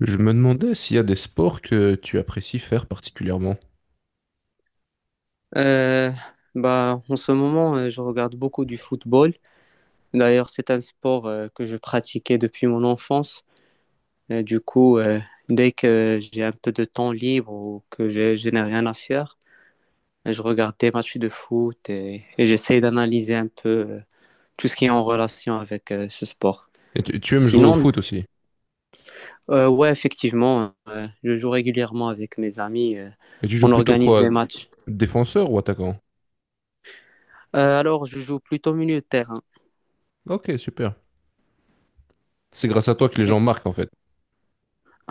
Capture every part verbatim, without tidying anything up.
Je me demandais s'il y a des sports que tu apprécies faire particulièrement. Euh, bah, En ce moment, euh, je regarde beaucoup du football. D'ailleurs, c'est un sport euh, que je pratiquais depuis mon enfance. Et du coup, euh, dès que j'ai un peu de temps libre ou que je, je n'ai rien à faire, je regarde des matchs de foot et, et j'essaye d'analyser un peu euh, tout ce qui est en relation avec euh, ce sport. Et tu, tu aimes jouer au Sinon, foot aussi. euh, ouais, effectivement, euh, je joue régulièrement avec mes amis. euh, Et tu joues On plutôt organise quoi? des matchs. Défenseur ou attaquant? Euh, alors, je joue plutôt milieu de terrain. Ok, super. C'est grâce à toi que les gens marquent en fait.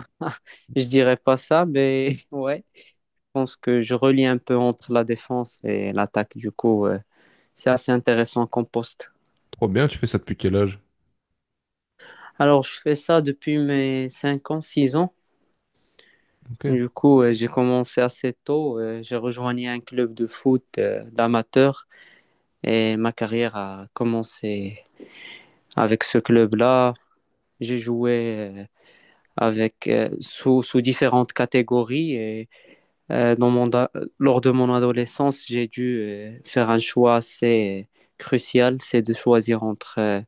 Je dirais pas ça, mais ouais. Je pense que je relie un peu entre la défense et l'attaque. Du coup, euh, c'est assez intéressant comme poste. Trop bien, tu fais ça depuis quel âge? Alors, je fais ça depuis mes cinq ans, six ans. Ok. Du coup, euh, j'ai commencé assez tôt. Euh, j'ai rejoint un club de foot euh, d'amateurs et ma carrière a commencé avec ce club-là. J'ai joué euh, avec, euh, sous, sous différentes catégories et Euh, dans mon da- lors de mon adolescence, j'ai dû euh, faire un choix assez crucial, c'est de choisir entre euh,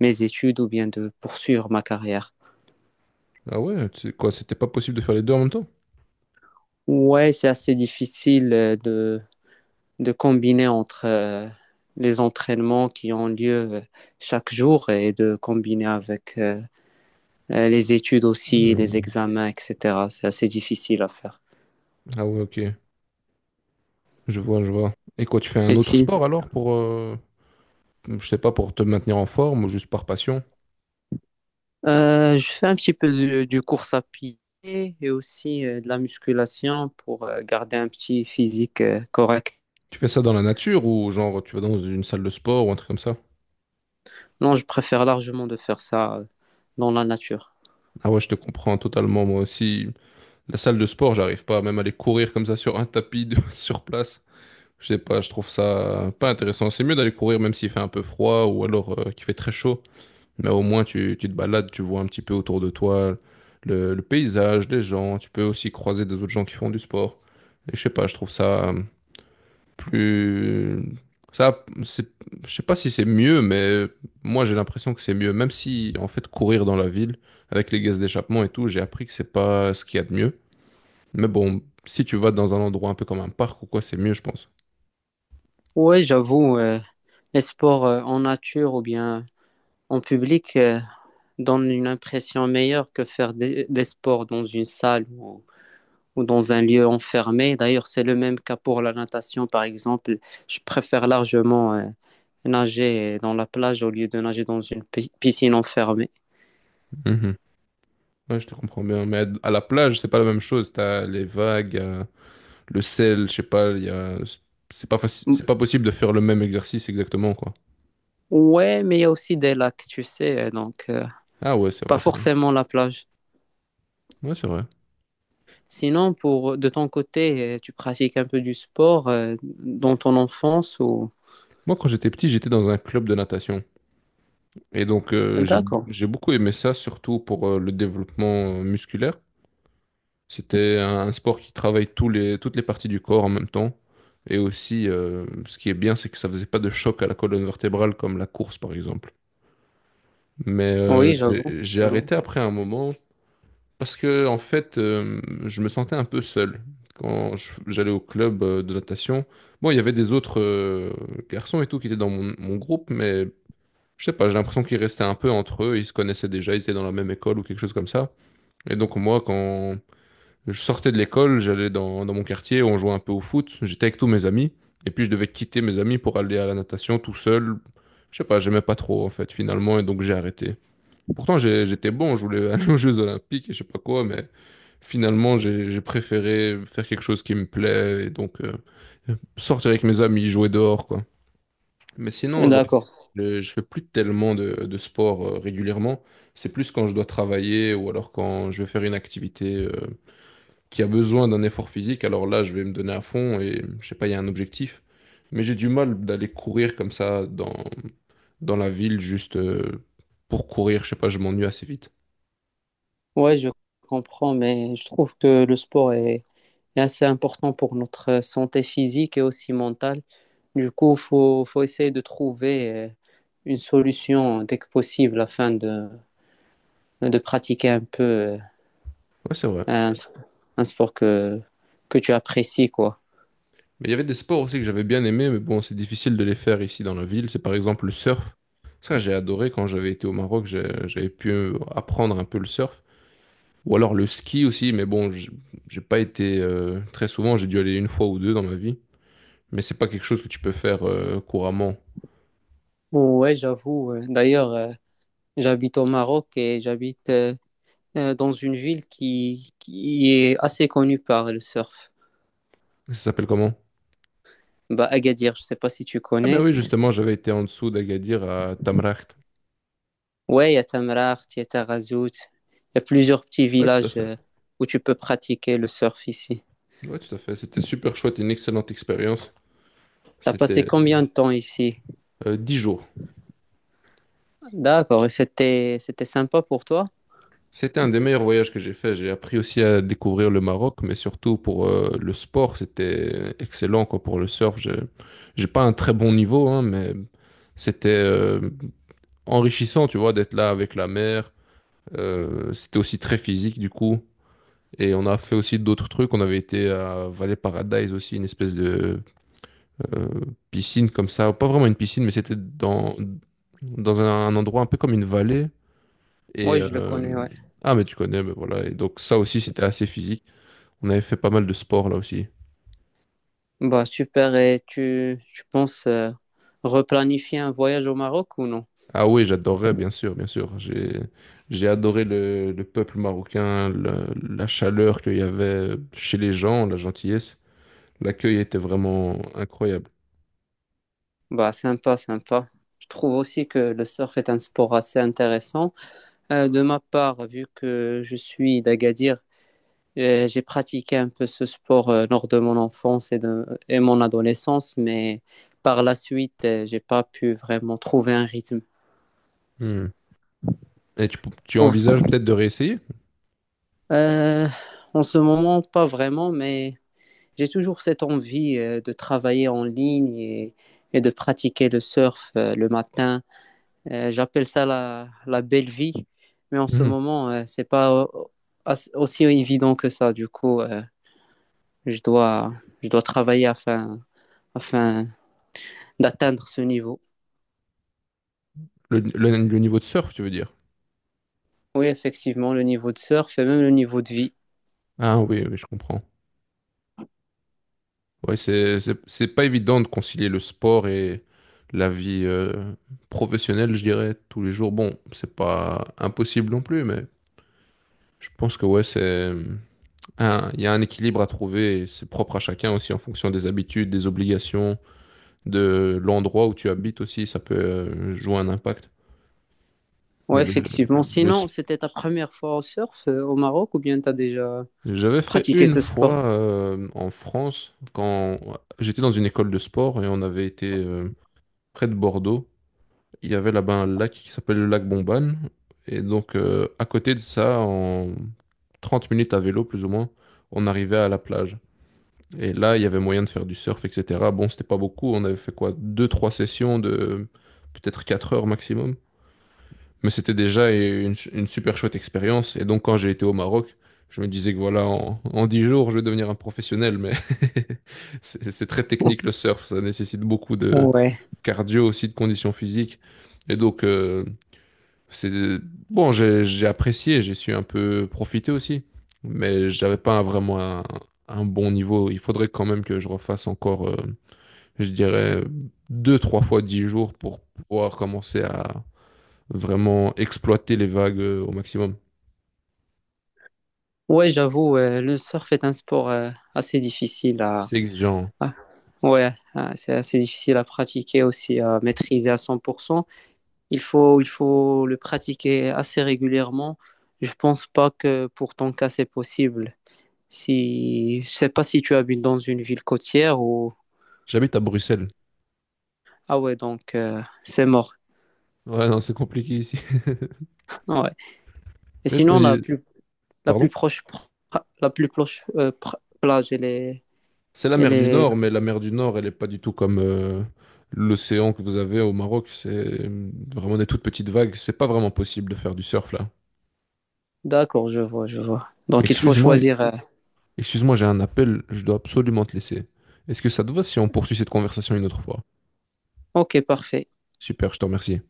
mes études ou bien de poursuivre ma carrière. Ah ouais, tu- quoi, c'était pas possible de faire les deux en même temps? Ouais, c'est assez difficile euh, de, de combiner entre euh, les entraînements qui ont lieu euh, chaque jour et de combiner avec euh, euh, les études aussi, les Hmm. examens, et cetera. C'est assez difficile à faire. Ah ouais, ok. Je vois, je vois. Et quoi, tu fais un Et autre si? sport alors pour, euh, je sais pas, pour te maintenir en forme ou juste par passion? Euh, je fais un petit peu de, du course à pied et aussi euh, de la musculation pour euh, garder un petit physique euh, correct. Tu fais ça dans la nature ou genre tu vas dans une salle de sport ou un truc comme ça? Non, je préfère largement de faire ça euh, dans la nature. Ah ouais, je te comprends totalement moi aussi. La salle de sport, j'arrive pas même à aller courir comme ça sur un tapis de- sur place. Je sais pas, je trouve ça pas intéressant. C'est mieux d'aller courir même s'il fait un peu froid ou alors euh, qu'il fait très chaud. Mais au moins tu, tu te balades, tu vois un petit peu autour de toi le, le paysage, les gens. Tu peux aussi croiser des autres gens qui font du sport. Et je sais pas, je trouve ça euh, plus. Ça, c'est. Je sais pas si c'est mieux, mais moi j'ai l'impression que c'est mieux. Même si en fait courir dans la ville avec les gaz d'échappement et tout, j'ai appris que c'est pas ce qu'il y a de mieux. Mais bon, si tu vas dans un endroit un peu comme un parc ou quoi, c'est mieux, je pense. Ouais, j'avoue, euh, les sports euh, en nature ou bien en public euh, donnent une impression meilleure que faire des, des sports dans une salle ou ou dans un lieu enfermé. D'ailleurs, c'est le même cas pour la natation, par exemple. Je préfère largement euh, nager dans la plage au lieu de nager dans une pi- piscine enfermée. Mhm. Ouais, je te comprends bien. Mais à la plage, c'est pas la même chose. T'as les vagues, euh, le sel, je sais pas, il y a. C'est pas faci- M- c'est pas possible de faire le même exercice exactement, quoi. Ouais, mais il y a aussi des lacs, tu sais, euh, donc euh, Ah ouais, c'est pas vrai, c'est vrai. forcément la plage. Ouais, c'est vrai. Sinon, pour de ton côté, euh, tu pratiques un peu du sport euh, dans ton enfance ou... Moi, quand j'étais petit, j'étais dans un club de natation. Et donc, euh, j'ai D'accord. j'ai beaucoup aimé ça, surtout pour euh, le développement euh, musculaire. C'était un sport qui travaille tous les, toutes les parties du corps en même temps. Et aussi, euh, ce qui est bien, c'est que ça faisait pas de choc à la colonne vertébrale comme la course, par exemple. Mais euh, Oui, j'ai j'avoue. j'ai Euh, arrêté après un moment parce que, en fait, euh, je me sentais un peu seul. Quand je- j'allais au club euh, de natation, bon, il y avait des autres euh, garçons et tout qui étaient dans mon, mon groupe, mais je sais pas, j'ai l'impression qu'ils restaient un peu entre eux, ils se connaissaient déjà, ils étaient dans la même école ou quelque chose comme ça. Et donc, moi, quand je sortais de l'école, j'allais dans, dans mon quartier, on jouait un peu au foot, j'étais avec tous mes amis, et puis je devais quitter mes amis pour aller à la natation tout seul. Je sais pas, j'aimais pas trop en fait finalement, et donc j'ai arrêté. Pourtant j'ai- j'étais bon, je voulais aller aux Jeux Olympiques et je sais pas quoi, mais finalement j'ai j'ai préféré faire quelque chose qui me plaît, et donc euh, sortir avec mes amis, jouer dehors, quoi. Mais sinon aujourd'hui D'accord. je, je fais plus tellement de, de sport euh, régulièrement, c'est plus quand je dois travailler ou alors quand je vais faire une activité euh, qui a besoin d'un effort physique, alors là, je vais me donner à fond et je sais pas, il y a un objectif. Mais j'ai du mal d'aller courir comme ça dans, dans la ville juste euh, pour courir. Je sais pas, je m'ennuie assez vite. Ouais, je comprends, mais je trouve que le sport est et assez important pour notre euh, santé physique et aussi mentale. Du coup, il faut, faut essayer de trouver euh, une solution dès que possible afin de, de pratiquer un peu euh, Ouais, c'est vrai. un, un sport que, que tu apprécies, quoi. Mais il y avait des sports aussi que j'avais bien aimés, mais bon, c'est difficile de les faire ici dans la ville. C'est par exemple le surf. Ça, j'ai adoré quand j'avais été au Maroc, j'ai- j'avais pu euh, apprendre un peu le surf. Ou alors le ski aussi, mais bon, j'- j'ai pas été euh, très souvent. J'ai dû aller une fois ou deux dans ma vie. Mais c'est pas quelque chose que tu peux faire euh, couramment. Ouais, j'avoue. Ouais. D'ailleurs, euh, j'habite au Maroc et j'habite euh, euh, dans une ville qui, qui est assez connue par le surf. Ça s'appelle comment? Bah, Agadir, je ne sais pas si tu Ah ben connais. oui, justement, j'avais été en dessous d'Agadir à Tamraght. Ouais, il y a Tamraght, il y a Tarazout, il y a plusieurs petits Ouais, tout à villages fait. euh, où tu peux pratiquer le surf ici. Ouais, tout à fait. C'était super chouette, une excellente expérience. T'as passé C'était combien de temps ici? euh, 10 jours. D'accord, et c'était c'était sympa pour toi? C'était un des meilleurs voyages que j'ai fait. J'ai appris aussi à découvrir le Maroc, mais surtout pour euh, le sport, c'était excellent quoi, pour le surf. J'ai j'ai pas un très bon niveau, hein, mais c'était euh, enrichissant, tu vois, d'être là avec la mer. Euh, c'était aussi très physique du coup. Et on a fait aussi d'autres trucs. On avait été à Valley Paradise aussi, une espèce de euh, piscine comme ça, pas vraiment une piscine, mais c'était dans, dans un, un endroit un peu comme une vallée. Et Oui, je le connais, euh, ouais. ah, mais tu connais, mais voilà. Et donc ça aussi, c'était assez physique. On avait fait pas mal de sport là aussi. Bah super, et tu, tu penses euh, replanifier un voyage au Maroc ou non? Ah oui, j'adorais, bien sûr, bien sûr. J'ai j'ai adoré le, le peuple marocain, la, la chaleur qu'il y avait chez les gens, la gentillesse. L'accueil était vraiment incroyable. Bah sympa, sympa. Je trouve aussi que le surf est un sport assez intéressant. Euh, de ma part, vu que je suis d'Agadir, Euh, j'ai pratiqué un peu ce sport euh, lors de mon enfance et de et mon adolescence, mais par la suite, euh, j'ai pas pu vraiment trouver un rythme. Hmm. Et tu, tu Trouve- envisages peut-être de réessayer? Euh, En ce moment, pas vraiment, mais j'ai toujours cette envie euh, de travailler en ligne et, et de pratiquer le surf euh, le matin. Euh, j'appelle ça la, la belle vie, mais en ce Mhm. moment, euh, c'est pas au- as- aussi évident que ça. Du coup, euh, je dois, je dois travailler afin, afin d'atteindre ce niveau. Le, le- le niveau de surf, tu veux dire? Oui, effectivement, le niveau de surf et même le niveau de vie. Ah oui, oui, je comprends. Ouais, c'est, c'est, c'est pas évident de concilier le sport et la vie euh, professionnelle, je dirais, tous les jours. Bon, c'est pas impossible non plus, mais je pense que ouais, c'est un, il y a un équilibre à trouver et c'est propre à chacun aussi en fonction des habitudes, des obligations, de l'endroit où tu habites aussi, ça peut euh, jouer un impact. Oui, Mais le, effectivement. le Sinon, sp- c'était ta première fois au surf euh, au Maroc ou bien tu as déjà j'avais fait pratiqué une ce sport? fois euh, en France quand j'étais dans une école de sport et on avait été euh, près de Bordeaux. Il y avait là-bas un lac qui s'appelle le lac Bomban. Et donc, euh, à côté de ça, en trente minutes à vélo, plus ou moins, on arrivait à la plage. Et là, il y avait moyen de faire du surf, et cetera. Bon, c'était pas beaucoup. On avait fait quoi? Deux, trois sessions de peut-être quatre heures maximum. Mais c'était déjà une, une super chouette expérience. Et donc, quand j'ai été au Maroc, je me disais que voilà, en, en 10 jours, je vais devenir un professionnel. Mais c'est c'est très technique le surf. Ça nécessite beaucoup de Ouais. cardio aussi, de conditions physiques. Et donc, euh, c'est bon, j'ai j'ai apprécié, j'ai su un peu profiter aussi, mais j'avais pas un- vraiment un, un bon niveau. Il faudrait quand même que je refasse encore, euh, je dirais, deux, trois fois dix jours pour pouvoir commencer à vraiment exploiter les vagues euh, au maximum. Ouais, j'avoue, euh, le surf est un sport euh, assez difficile à... C'est exigeant, hein. à- Ouais, euh, c'est assez difficile à pratiquer aussi, à maîtriser à cent pour cent. Il faut, il faut le pratiquer assez régulièrement. Je pense pas que pour ton cas, c'est possible. Si, je sais pas si tu habites dans une ville côtière ou J'habite à Bruxelles. ah ouais, donc euh, c'est mort. Ouais, non, c'est compliqué ici. Ah ouais. Et Mais je sinon, me la dis, plus, la plus pardon? proche, pra- la plus proche euh, pra- plage, elle est, C'est la elle mer du est... Nord, mais la mer du Nord, elle n'est pas du tout comme euh, l'océan que vous avez au Maroc. C'est vraiment des toutes petites vagues. C'est pas vraiment possible de faire du surf là. D'accord, je vois, je vois. Donc il faut Excuse-moi, choisir. euh, excuse-moi, j'ai un appel. Je dois absolument te laisser. Est-ce que ça te va si on poursuit cette conversation une autre fois? Ok, parfait. Super, je te remercie.